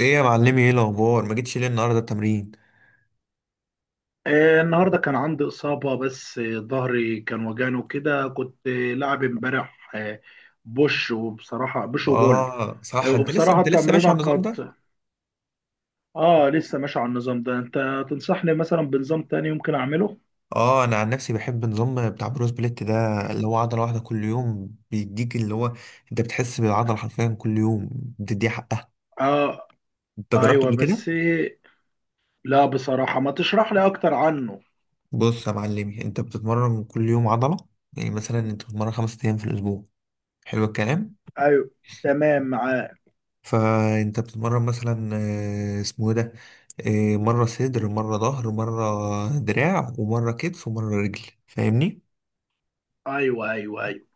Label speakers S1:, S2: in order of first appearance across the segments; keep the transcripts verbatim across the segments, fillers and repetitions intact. S1: ايه يا معلمي، ايه الاخبار؟ ما جيتش ليه النهارده التمرين؟
S2: آه، النهارده كان عندي إصابة بس آه، ظهري كان وجعني وكده كنت آه، لاعب امبارح آه، بوش. وبصراحة بوش وبول.
S1: اه
S2: آه،
S1: صح، انت لسه
S2: وبصراحة
S1: انت لسه ماشي
S2: التمرينة
S1: على النظام ده؟
S2: كانت. اه، لسه ماشي على النظام ده. انت تنصحني مثلا بنظام تاني ممكن اعمله؟
S1: اه، انا عن نفسي بحب النظام بتاع بروس بليت ده، اللي هو عضله واحده كل يوم، بيديك اللي هو انت بتحس بالعضله حرفيا كل يوم، بتديها حقها.
S2: اه،
S1: انت جربته
S2: ايوه.
S1: قبل كده؟
S2: بس آه، لا بصراحة، ما تشرح لي اكتر عنه.
S1: بص يا معلمي، انت بتتمرن كل يوم عضله. يعني مثلا انت بتتمرن خمس ايام في الاسبوع. حلو الكلام.
S2: ايوه، تمام معاك.
S1: فانت بتتمرن مثلا، آه، اسمه إيه ده، آه، مرة صدر، مرة ظهر، مرة دراع، ومرة كتف، ومرة رجل. فاهمني؟
S2: ايوه، ايوه، ايوه.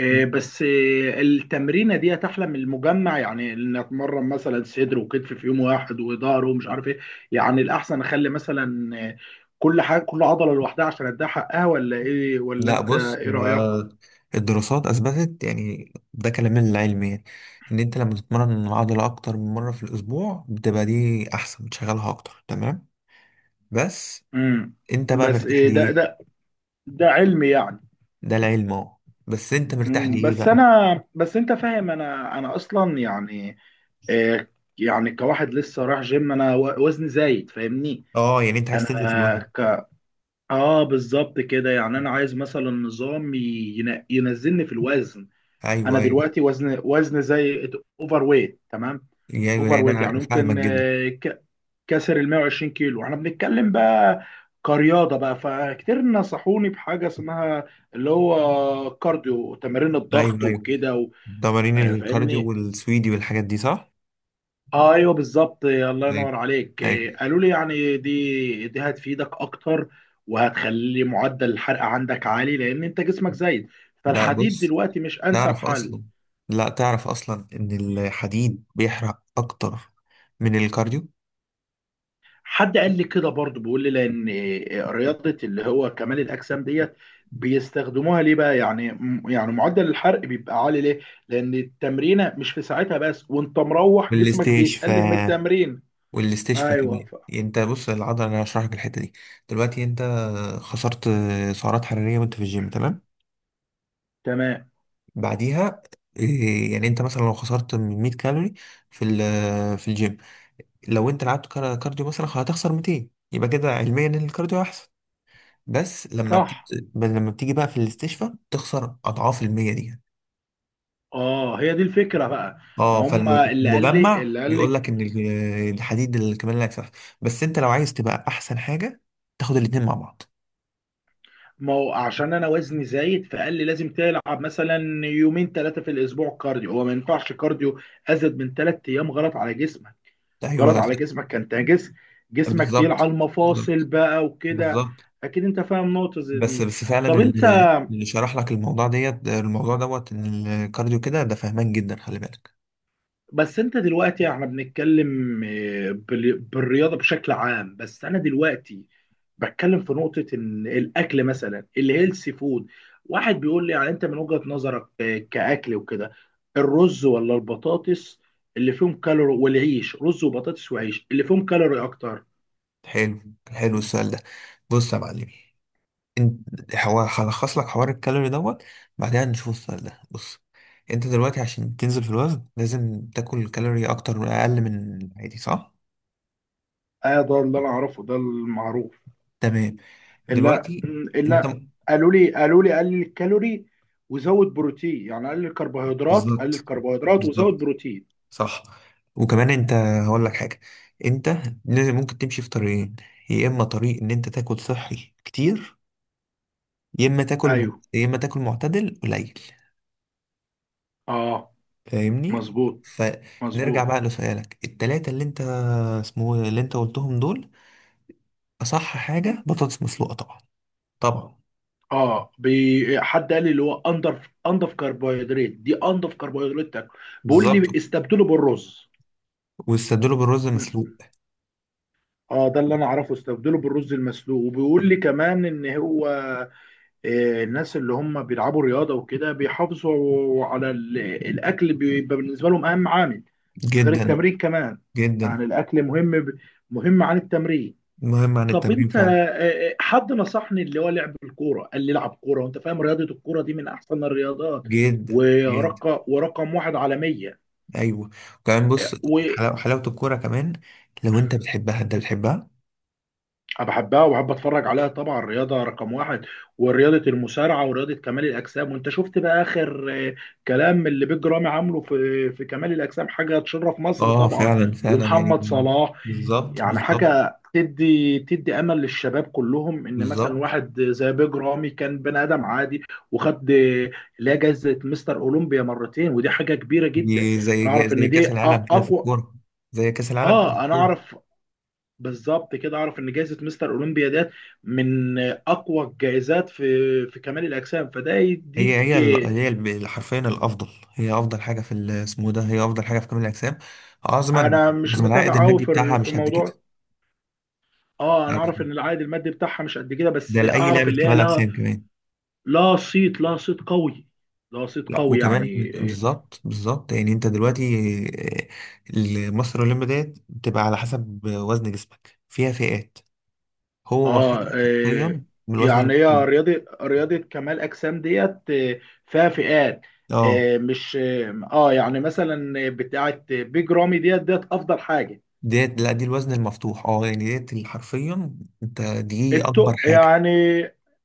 S2: إيه؟ بس إيه التمرينه دي؟ احلى من المجمع، يعني ان اتمرن مثلا صدر وكتف في يوم واحد، وظهر ومش عارف ايه. يعني الاحسن اخلي مثلا إيه، كل حاجه، كل عضله لوحدها عشان اديها حقها، ولا ايه؟ ولا
S1: لا
S2: انت
S1: بص،
S2: ايه
S1: هو
S2: رايك؟
S1: الدراسات اثبتت، يعني ده كلام العلم يعني، ان انت لما تتمرن العضله اكتر من مره في الاسبوع، بتبقى دي احسن، بتشغلها اكتر، تمام. بس
S2: امم،
S1: انت بقى
S2: بس
S1: مرتاح
S2: إيه ده؟
S1: ليه؟
S2: ده ده علمي يعني.
S1: ده العلم اهو. بس انت مرتاح
S2: امم،
S1: ليه
S2: بس
S1: بقى؟
S2: انا، بس انت فاهم، انا انا اصلا يعني إيه؟ يعني كواحد لسه رايح جيم، انا و- وزني زايد، فاهمني؟
S1: اه، يعني انت عايز تنزل في
S2: انا
S1: الوزن؟
S2: ك- اه بالظبط كده. يعني انا عايز مثلا نظام ين- ينزلني في الوزن.
S1: ايوه،
S2: انا
S1: ايوه،
S2: دلوقتي وزن وزن زي اوفر ويت، تمام؟
S1: ايوه،
S2: اوفر
S1: يعني
S2: ويت،
S1: انا
S2: يعني
S1: فاهمك
S2: ممكن
S1: جدا.
S2: آه، ك- كسر ال مية وعشرين كيلو احنا بنتكلم بقى كرياضه بقى. فكتير نصحوني بحاجه اسمها اللي هو كارديو، تمارين الضغط
S1: ايوه، ايوه،
S2: وكده و-
S1: تمارين
S2: آه،
S1: الكارديو
S2: فاهمني؟
S1: والسويدي والحاجات دي، صح؟
S2: آه، ايوه بالظبط. إيه، الله
S1: ايوه،
S2: ينور عليك.
S1: ايوه.
S2: إيه، قالوا لي يعني دي دي هتفيدك اكتر، وهتخلي معدل الحرق عندك عالي، لان انت جسمك زايد.
S1: لا
S2: فالحديد
S1: بص،
S2: دلوقتي مش انسب
S1: تعرف
S2: حل.
S1: اصلا، لا تعرف اصلا ان الحديد بيحرق اكتر من الكارديو.
S2: حد قال لي كده برضه، بيقول لي لان إيه، رياضه اللي هو كمال الاجسام ديت بيستخدموها ليه بقى، يعني م- يعني معدل الحرق بيبقى عالي ليه؟ لان التمرينه مش في ساعتها بس، وانت مروح جسمك بيتألم من
S1: والاستشفاء
S2: التمرين.
S1: والاستشفاء
S2: ايوه
S1: كمان.
S2: ف...
S1: انت بص، العضله انا هشرح لك الحته دي. دلوقتي انت خسرت سعرات حراريه وانت في الجيم، تمام.
S2: تمام.
S1: بعديها إيه، يعني انت مثلا لو خسرت مية كالوري في ال- في الجيم، لو انت لعبت كار- كارديو مثلا هتخسر ميتين، يبقى كده علميا ان الكارديو احسن. بس لما بتيجي
S2: صح.
S1: لما بتيجي بقى في الاستشفاء تخسر اضعاف المية دي.
S2: اه، هي دي الفكره بقى. ما
S1: اه،
S2: هم اللي قال لي
S1: فالمجمع
S2: اللي قال
S1: بيقول لك
S2: لك.
S1: ان ال- الحديد الكمال لا يكسف. بس انت لو عايز تبقى احسن حاجه، تاخد الاتنين مع بعض.
S2: ما هو عشان انا وزني زايد، فقال لي لازم تلعب مثلا يومين ثلاثه في الاسبوع كارديو. هو ما ينفعش كارديو ازيد من ثلاث ايام، غلط على جسمك. غلط
S1: ايوه،
S2: على جسمك، انت جسم جسمك تقيل
S1: بالظبط،
S2: على المفاصل
S1: بالظبط،
S2: بقى وكده.
S1: بالظبط.
S2: اكيد انت فاهم نقطه زي
S1: بس
S2: دي.
S1: بس فعلا
S2: طب انت،
S1: اللي اللي شرح لك الموضوع ديت الموضوع دوت ان الكارديو كده، ده فهمان جدا، خلي بالك.
S2: بس انت دلوقتي احنا بنتكلم آه، بال- بالرياضه بشكل عام، بس انا دلوقتي بتكلم في نقطة إن الأكل مثلا الهيلثي فود. واحد بيقول لي يعني أنت من وجهة نظرك، آه، كأكل وكده، الرز ولا البطاطس اللي فيهم كالوري؟ والعيش، رز وبطاطس وعيش، اللي فيهم كالوري أكتر؟
S1: حلو، حلو السؤال ده. بص يا معلمي، انت هو هلخص لك حوار الكالوري دوت، بعدها نشوف السؤال ده. بص، انت دلوقتي عشان تنزل في الوزن، لازم تاكل كالوري اكتر اقل من العادي، صح؟
S2: آه، ده اللي أنا أعرفه، ده المعروف.
S1: تمام.
S2: لا
S1: دلوقتي
S2: م،
S1: انت،
S2: لا، قالوا لي قالوا لي قلل الكالوري وزود بروتين، يعني قلل الكربوهيدرات، قلل
S1: بالظبط،
S2: الكربوهيدرات وزود
S1: بالظبط،
S2: بروتين.
S1: صح. وكمان انت هقول لك حاجه، انت لازم، ممكن تمشي في طريقين: يا اما طريق ان انت تاكل صحي كتير، يا اما تاكل م-
S2: أيوه.
S1: يا اما تاكل معتدل قليل.
S2: أه.
S1: فاهمني؟
S2: مظبوط.
S1: فنرجع
S2: مظبوط.
S1: بقى لسؤالك التلاتة اللي انت، اسمه ايه، اللي انت قلتهم دول. اصح حاجه بطاطس مسلوقه طبعا، طبعا،
S2: اه بي... حد قال لي اللي هو انضف انضف كربوهيدرات دي، انضف كربوهيدرات تاكل، بيقول لي
S1: بالظبط.
S2: استبدله بالرز.
S1: والصدور بالرز
S2: مم.
S1: مسلوق.
S2: اه ده اللي انا اعرفه، استبدله بالرز المسلوق. وبيقول لي كمان ان هو آه، الناس اللي هم بيلعبوا رياضه وكده بيحافظوا على ال... الاكل، بيبقى بالنسبه لهم اهم عامل غير
S1: جدا،
S2: التمرين كمان.
S1: جدا،
S2: يعني الاكل مهم ب... مهم عن التمرين.
S1: مهم عن
S2: طب
S1: التمرين
S2: انت آه،
S1: فعلا،
S2: آه، حد نصحني اللي هو لعب الكوره، قال لي العب كوره. وانت فاهم رياضه الكوره دي من احسن الرياضات
S1: جدا، جدا.
S2: ورقم ورقم واحد عالميه.
S1: ايوه، كمان بص، حلاوة حلاوة الكورة كمان، لو انت بتحبها انت بتحبها.
S2: وبحبها وبحب اتفرج عليها طبعا، الرياضه رقم واحد. ورياضه المصارعه، ورياضه كمال الاجسام. وانت شفت بقى اخر آه، كلام اللي بيج رامي عامله في في كمال الاجسام، حاجه تشرف مصر
S1: اه
S2: طبعا.
S1: فعلا، فعلا يعني،
S2: ومحمد صلاح.
S1: بالظبط،
S2: يعني
S1: بالظبط،
S2: حاجة تدي تدي أمل للشباب كلهم، إن مثلا
S1: بالظبط.
S2: واحد زي بيج رامي كان بني آدم عادي، وخد اللي هي جايزة مستر أولمبيا مرتين، ودي حاجة كبيرة جدا.
S1: دي
S2: أنا
S1: زي
S2: أعرف
S1: زي
S2: إن دي
S1: كأس
S2: أ-
S1: العالم كده في
S2: أقوى.
S1: الكورة، زي كأس العالم كده في
S2: آه أنا
S1: الكورة.
S2: أعرف. بالظبط كده، أعرف إن جايزة مستر أولمبيا ديت من أقوى الجايزات في في كمال الأجسام، فده
S1: هي
S2: يديك.
S1: هي ال- هي ال- حرفيا الافضل. هي افضل حاجة في ال- اسمه إيه ده هي افضل حاجة في كمال الاجسام. عظما،
S2: أنا مش
S1: عظما، العائد
S2: متابع أوي
S1: المادي بتاعها
S2: في في
S1: مش قد كده،
S2: موضوع. اه انا اعرف ان العائد المادي بتاعها مش قد كده،
S1: ده
S2: بس
S1: لأي
S2: اعرف
S1: لعبة
S2: اللي هي
S1: كمال
S2: لها
S1: اجسام كمان.
S2: لا صيت لا صيت قوي لا صيت
S1: لا
S2: قوي
S1: وكمان،
S2: يعني.
S1: بالظبط، بالظبط، يعني انت دلوقتي، آه، مصر الاولمبي ديت بتبقى على حسب وزن جسمك، فيها فئات. هو واخدها
S2: اه, آه.
S1: حرفيا من الوزن
S2: يعني هي
S1: المفتوح.
S2: رياضة رياضة كمال أجسام ديت آه، فيها فئات.
S1: اه
S2: آه مش اه آه، يعني مثلا بتاعة بيج رامي ديت ديت أفضل حاجة.
S1: ديت، لا دي الوزن المفتوح، اه يعني ديت اللي حرفيا انت دي اكبر
S2: التق
S1: حاجه.
S2: يعني،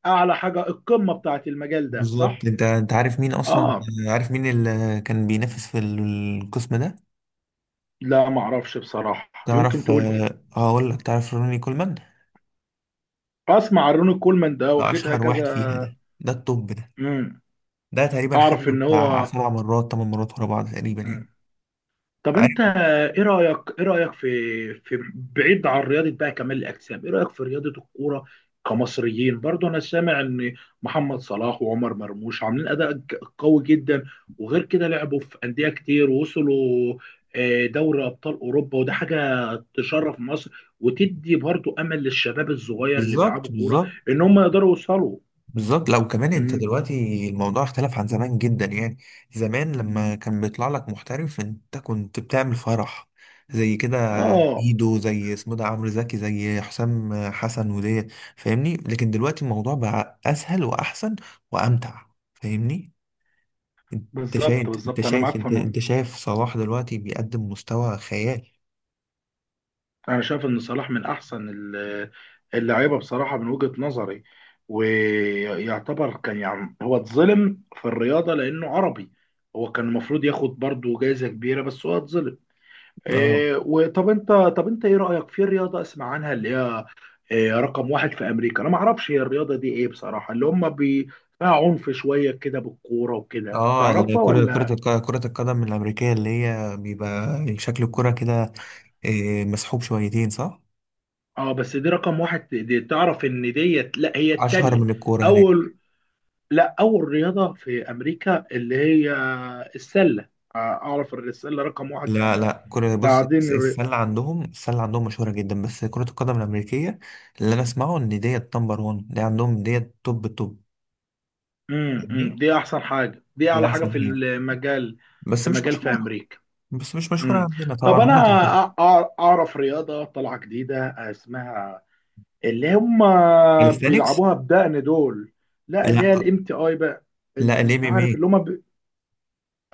S2: أعلى حاجة، القمة بتاعة المجال ده،
S1: بالظبط،
S2: صح؟
S1: انت انت عارف مين اصلا،
S2: اه.
S1: عارف مين اللي كان بينافس في القسم ده؟
S2: لا معرفش بصراحة، يمكن
S1: تعرف،
S2: تقول لي.
S1: آه، هقول لك، تعرف روني كولمان؟
S2: أسمع عن روني كولمان ده
S1: ده
S2: واخدها
S1: اشهر
S2: كذا.
S1: واحد فيها، ده ده التوب ده.
S2: مم.
S1: ده تقريبا
S2: أعرف
S1: خدها
S2: إن
S1: بتاع
S2: هو.
S1: سبع مرات، ثمان مرات ورا بعض تقريبا
S2: مم.
S1: يعني.
S2: طب انت،
S1: عارف،
S2: ايه رايك ايه رايك في، في بعيد عن رياضه بقى كمال الاجسام، ايه رايك في رياضه الكوره كمصريين برضو؟ انا سامع ان محمد صلاح وعمر مرموش عاملين اداء ج- قوي جدا، وغير كده لعبوا في انديه كتير، ووصلوا آه، دوري ابطال اوروبا، وده حاجه تشرف مصر، وتدي برضو امل للشباب الصغير اللي
S1: بالظبط،
S2: بيلعبوا كوره
S1: بالظبط،
S2: ان هم يقدروا يوصلوا.
S1: بالظبط. لو كمان انت
S2: فاهمني؟
S1: دلوقتي، الموضوع اختلف عن زمان جدا يعني. زمان لما كان بيطلع لك محترف، انت كنت بتعمل فرح زي كده.
S2: اه
S1: ميدو، زي اسمه ده عمرو زكي، زي حسام حسن وديت، فاهمني؟ لكن دلوقتي الموضوع بقى اسهل واحسن وامتع. فاهمني؟ انت شايف
S2: بالظبط،
S1: انت
S2: بالظبط، انا
S1: شايف
S2: معاك في
S1: انت انت
S2: النقطة.
S1: شايف صلاح دلوقتي بيقدم مستوى خيال.
S2: انا شايف ان صلاح من احسن ال- اللعيبه بصراحه من وجهه نظري. ويعتبر كان يعني هو اتظلم في الرياضه لانه عربي، هو كان المفروض ياخد برضه جائزه كبيره، بس هو اتظلم.
S1: اه.
S2: إيه. وطب انت، طب انت ايه رايك في رياضه اسمع عنها اللي هي إيه رقم واحد في امريكا؟ انا ما اعرفش هي الرياضه دي ايه بصراحه. اللي هم بي فيها عنف شويه كده، بالكوره وكده،
S1: اه ال-
S2: تعرفها
S1: كرة كرة
S2: ولا؟
S1: الق- كرة القدم الأمريكية اللي هي بيبقى شكل الكرة كده، إيه، مسحوب شويتين، صح؟
S2: اه بس دي رقم واحد، دي تعرف ان ديت؟ لا هي
S1: أشهر
S2: التانيه.
S1: من الكورة هناك.
S2: اول، لا اول رياضه في امريكا اللي هي السله. آه، اعرف إن السله رقم واحد في
S1: لا،
S2: امريكا.
S1: لا، كرة بص،
S2: بعدين
S1: الس-
S2: الر...
S1: السلة عندهم، السلة عندهم مشهورة جدا، بس كرة القدم الأمريكية، اللي أنا أسمعه إن ديت نمبر واحد، دي عندهم ديت توب، توب.
S2: مم، مم،
S1: فاهمني؟
S2: دي احسن حاجه، دي
S1: دي
S2: اعلى حاجه
S1: أحسن
S2: في
S1: حاجة
S2: المجال،
S1: بس
S2: في
S1: مش
S2: مجال في
S1: مشهورة
S2: امريكا.
S1: بس مش مشهورة
S2: مم.
S1: عندنا
S2: طب
S1: طبعا
S2: انا
S1: ولا
S2: أع-
S1: تنتشر.
S2: أع- اعرف رياضه طالعه جديده اسمها اللي هم
S1: كاليستانكس؟
S2: بيلعبوها بدقن دول. لا اللي هي
S1: لا،
S2: الام تي اي بقى،
S1: لا،
S2: اللي مش
S1: الام ام
S2: عارف اللي
S1: ايه.
S2: هم.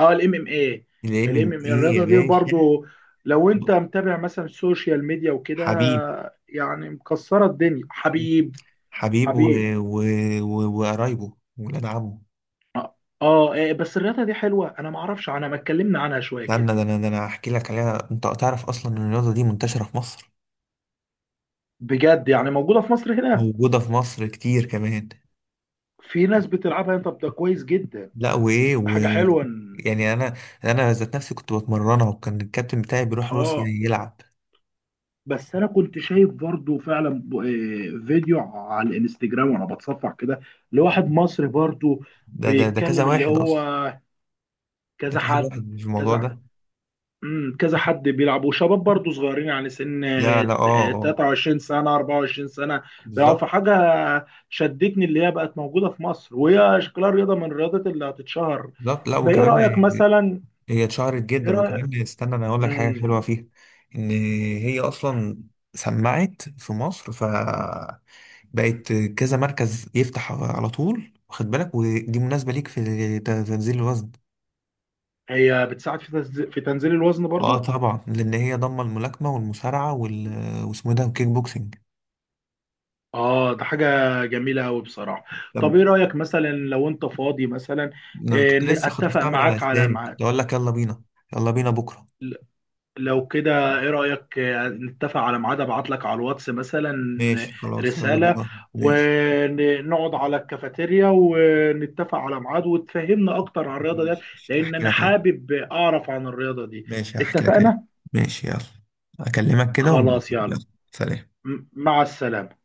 S2: اه الام ام اي.
S1: الام
S2: الام
S1: ام
S2: ام اي،
S1: ايه يا
S2: الرياضه دي
S1: باشا.
S2: برضو لو انت متابع مثلا السوشيال ميديا وكده،
S1: حبيب،
S2: يعني مكسره الدنيا. حبيب.
S1: حبيب، و...
S2: حبيب.
S1: و... و... وقرايبه ولاد عمه.
S2: اه. آه، إيه، بس الرياضه دي حلوه، انا ما اعرفش، انا ما اتكلمنا عنها شويه
S1: لأن
S2: كده.
S1: ده أنا ده أنا هحكي لك عليها. أنت تعرف أصلا إن الرياضة دي منتشرة في مصر،
S2: بجد؟ يعني موجوده في مصر هنا؟
S1: موجودة في مصر كتير كمان.
S2: في ناس بتلعبها؟ طب ده كويس جدا.
S1: لا وإيه
S2: ده
S1: و...
S2: حاجه حلوه إن-
S1: يعني أنا، أنا ذات نفسي كنت بتمرنها، وكان الكابتن بتاعي بيروح روسيا
S2: اه
S1: يلعب.
S2: بس انا كنت شايف برضو فعلا ب- آه، فيديو على الانستجرام وانا بتصفح كده لواحد مصري برضو
S1: ده ده ده كذا
S2: بيتكلم اللي
S1: واحد
S2: هو
S1: أصلا، ده
S2: كذا
S1: كذا
S2: حد،
S1: واحد في الموضوع
S2: كذا.
S1: ده.
S2: امم، كذا حد بيلعب، وشباب برضه صغيرين يعني سن
S1: لا، لا، أه، أه،
S2: تلاتة وعشرين سنة، اربعة وعشرين سنة، بيلعبوا في
S1: بالظبط،
S2: حاجة. شدتني اللي هي بقت موجودة في مصر، وهي شكلها رياضة من الرياضات اللي هتتشهر.
S1: بالظبط. لا
S2: فايه
S1: وكمان،
S2: رأيك مثلا؟
S1: هي اتشهرت
S2: ايه
S1: جدا.
S2: رأيك؟
S1: وكمان استنى انا اقول لك حاجه حلوه
S2: امم.
S1: فيها، ان هي اصلا سمعت في مصر، ف بقت كذا مركز يفتح على طول، واخد بالك، ودي مناسبه ليك في ت- تنزيل الوزن.
S2: هي بتساعد في تنزيل، في تنزيل الوزن
S1: اه
S2: برضه؟
S1: طبعا، لان هي ضمه الملاكمه والمصارعه وال... واسمه إيه ده، الكيك بوكسنج.
S2: اه ده حاجة جميلة أوي بصراحة.
S1: طب
S2: طب ايه رأيك مثلا لو انت فاضي مثلا،
S1: انا كنت
S2: إيه،
S1: لسه
S2: اتفق
S1: خطفتها من على
S2: معاك على
S1: اسناني،
S2: ميعاد؟
S1: كنت اقول لك يلا بينا، يلا بينا بكره.
S2: لو كده ايه رأيك آه، نتفق على ميعاد، ابعت لك على الواتس مثلا
S1: ماشي، خلاص، يلا
S2: رسالة،
S1: بينا، ماشي،
S2: ونقعد على الكافيتيريا، ونتفق على ميعاد، وتفهمنا اكتر عن الرياضة ديت،
S1: ماشي، ماشي.
S2: لان
S1: احكي
S2: انا
S1: لك عليه.
S2: حابب اعرف عن الرياضة دي.
S1: ماشي، هحكي لك ليه.
S2: اتفقنا.
S1: ماشي، يلا، اكلمك كده ونبقى،
S2: خلاص يلا.
S1: يلا. سلام.
S2: م- مع السلامة.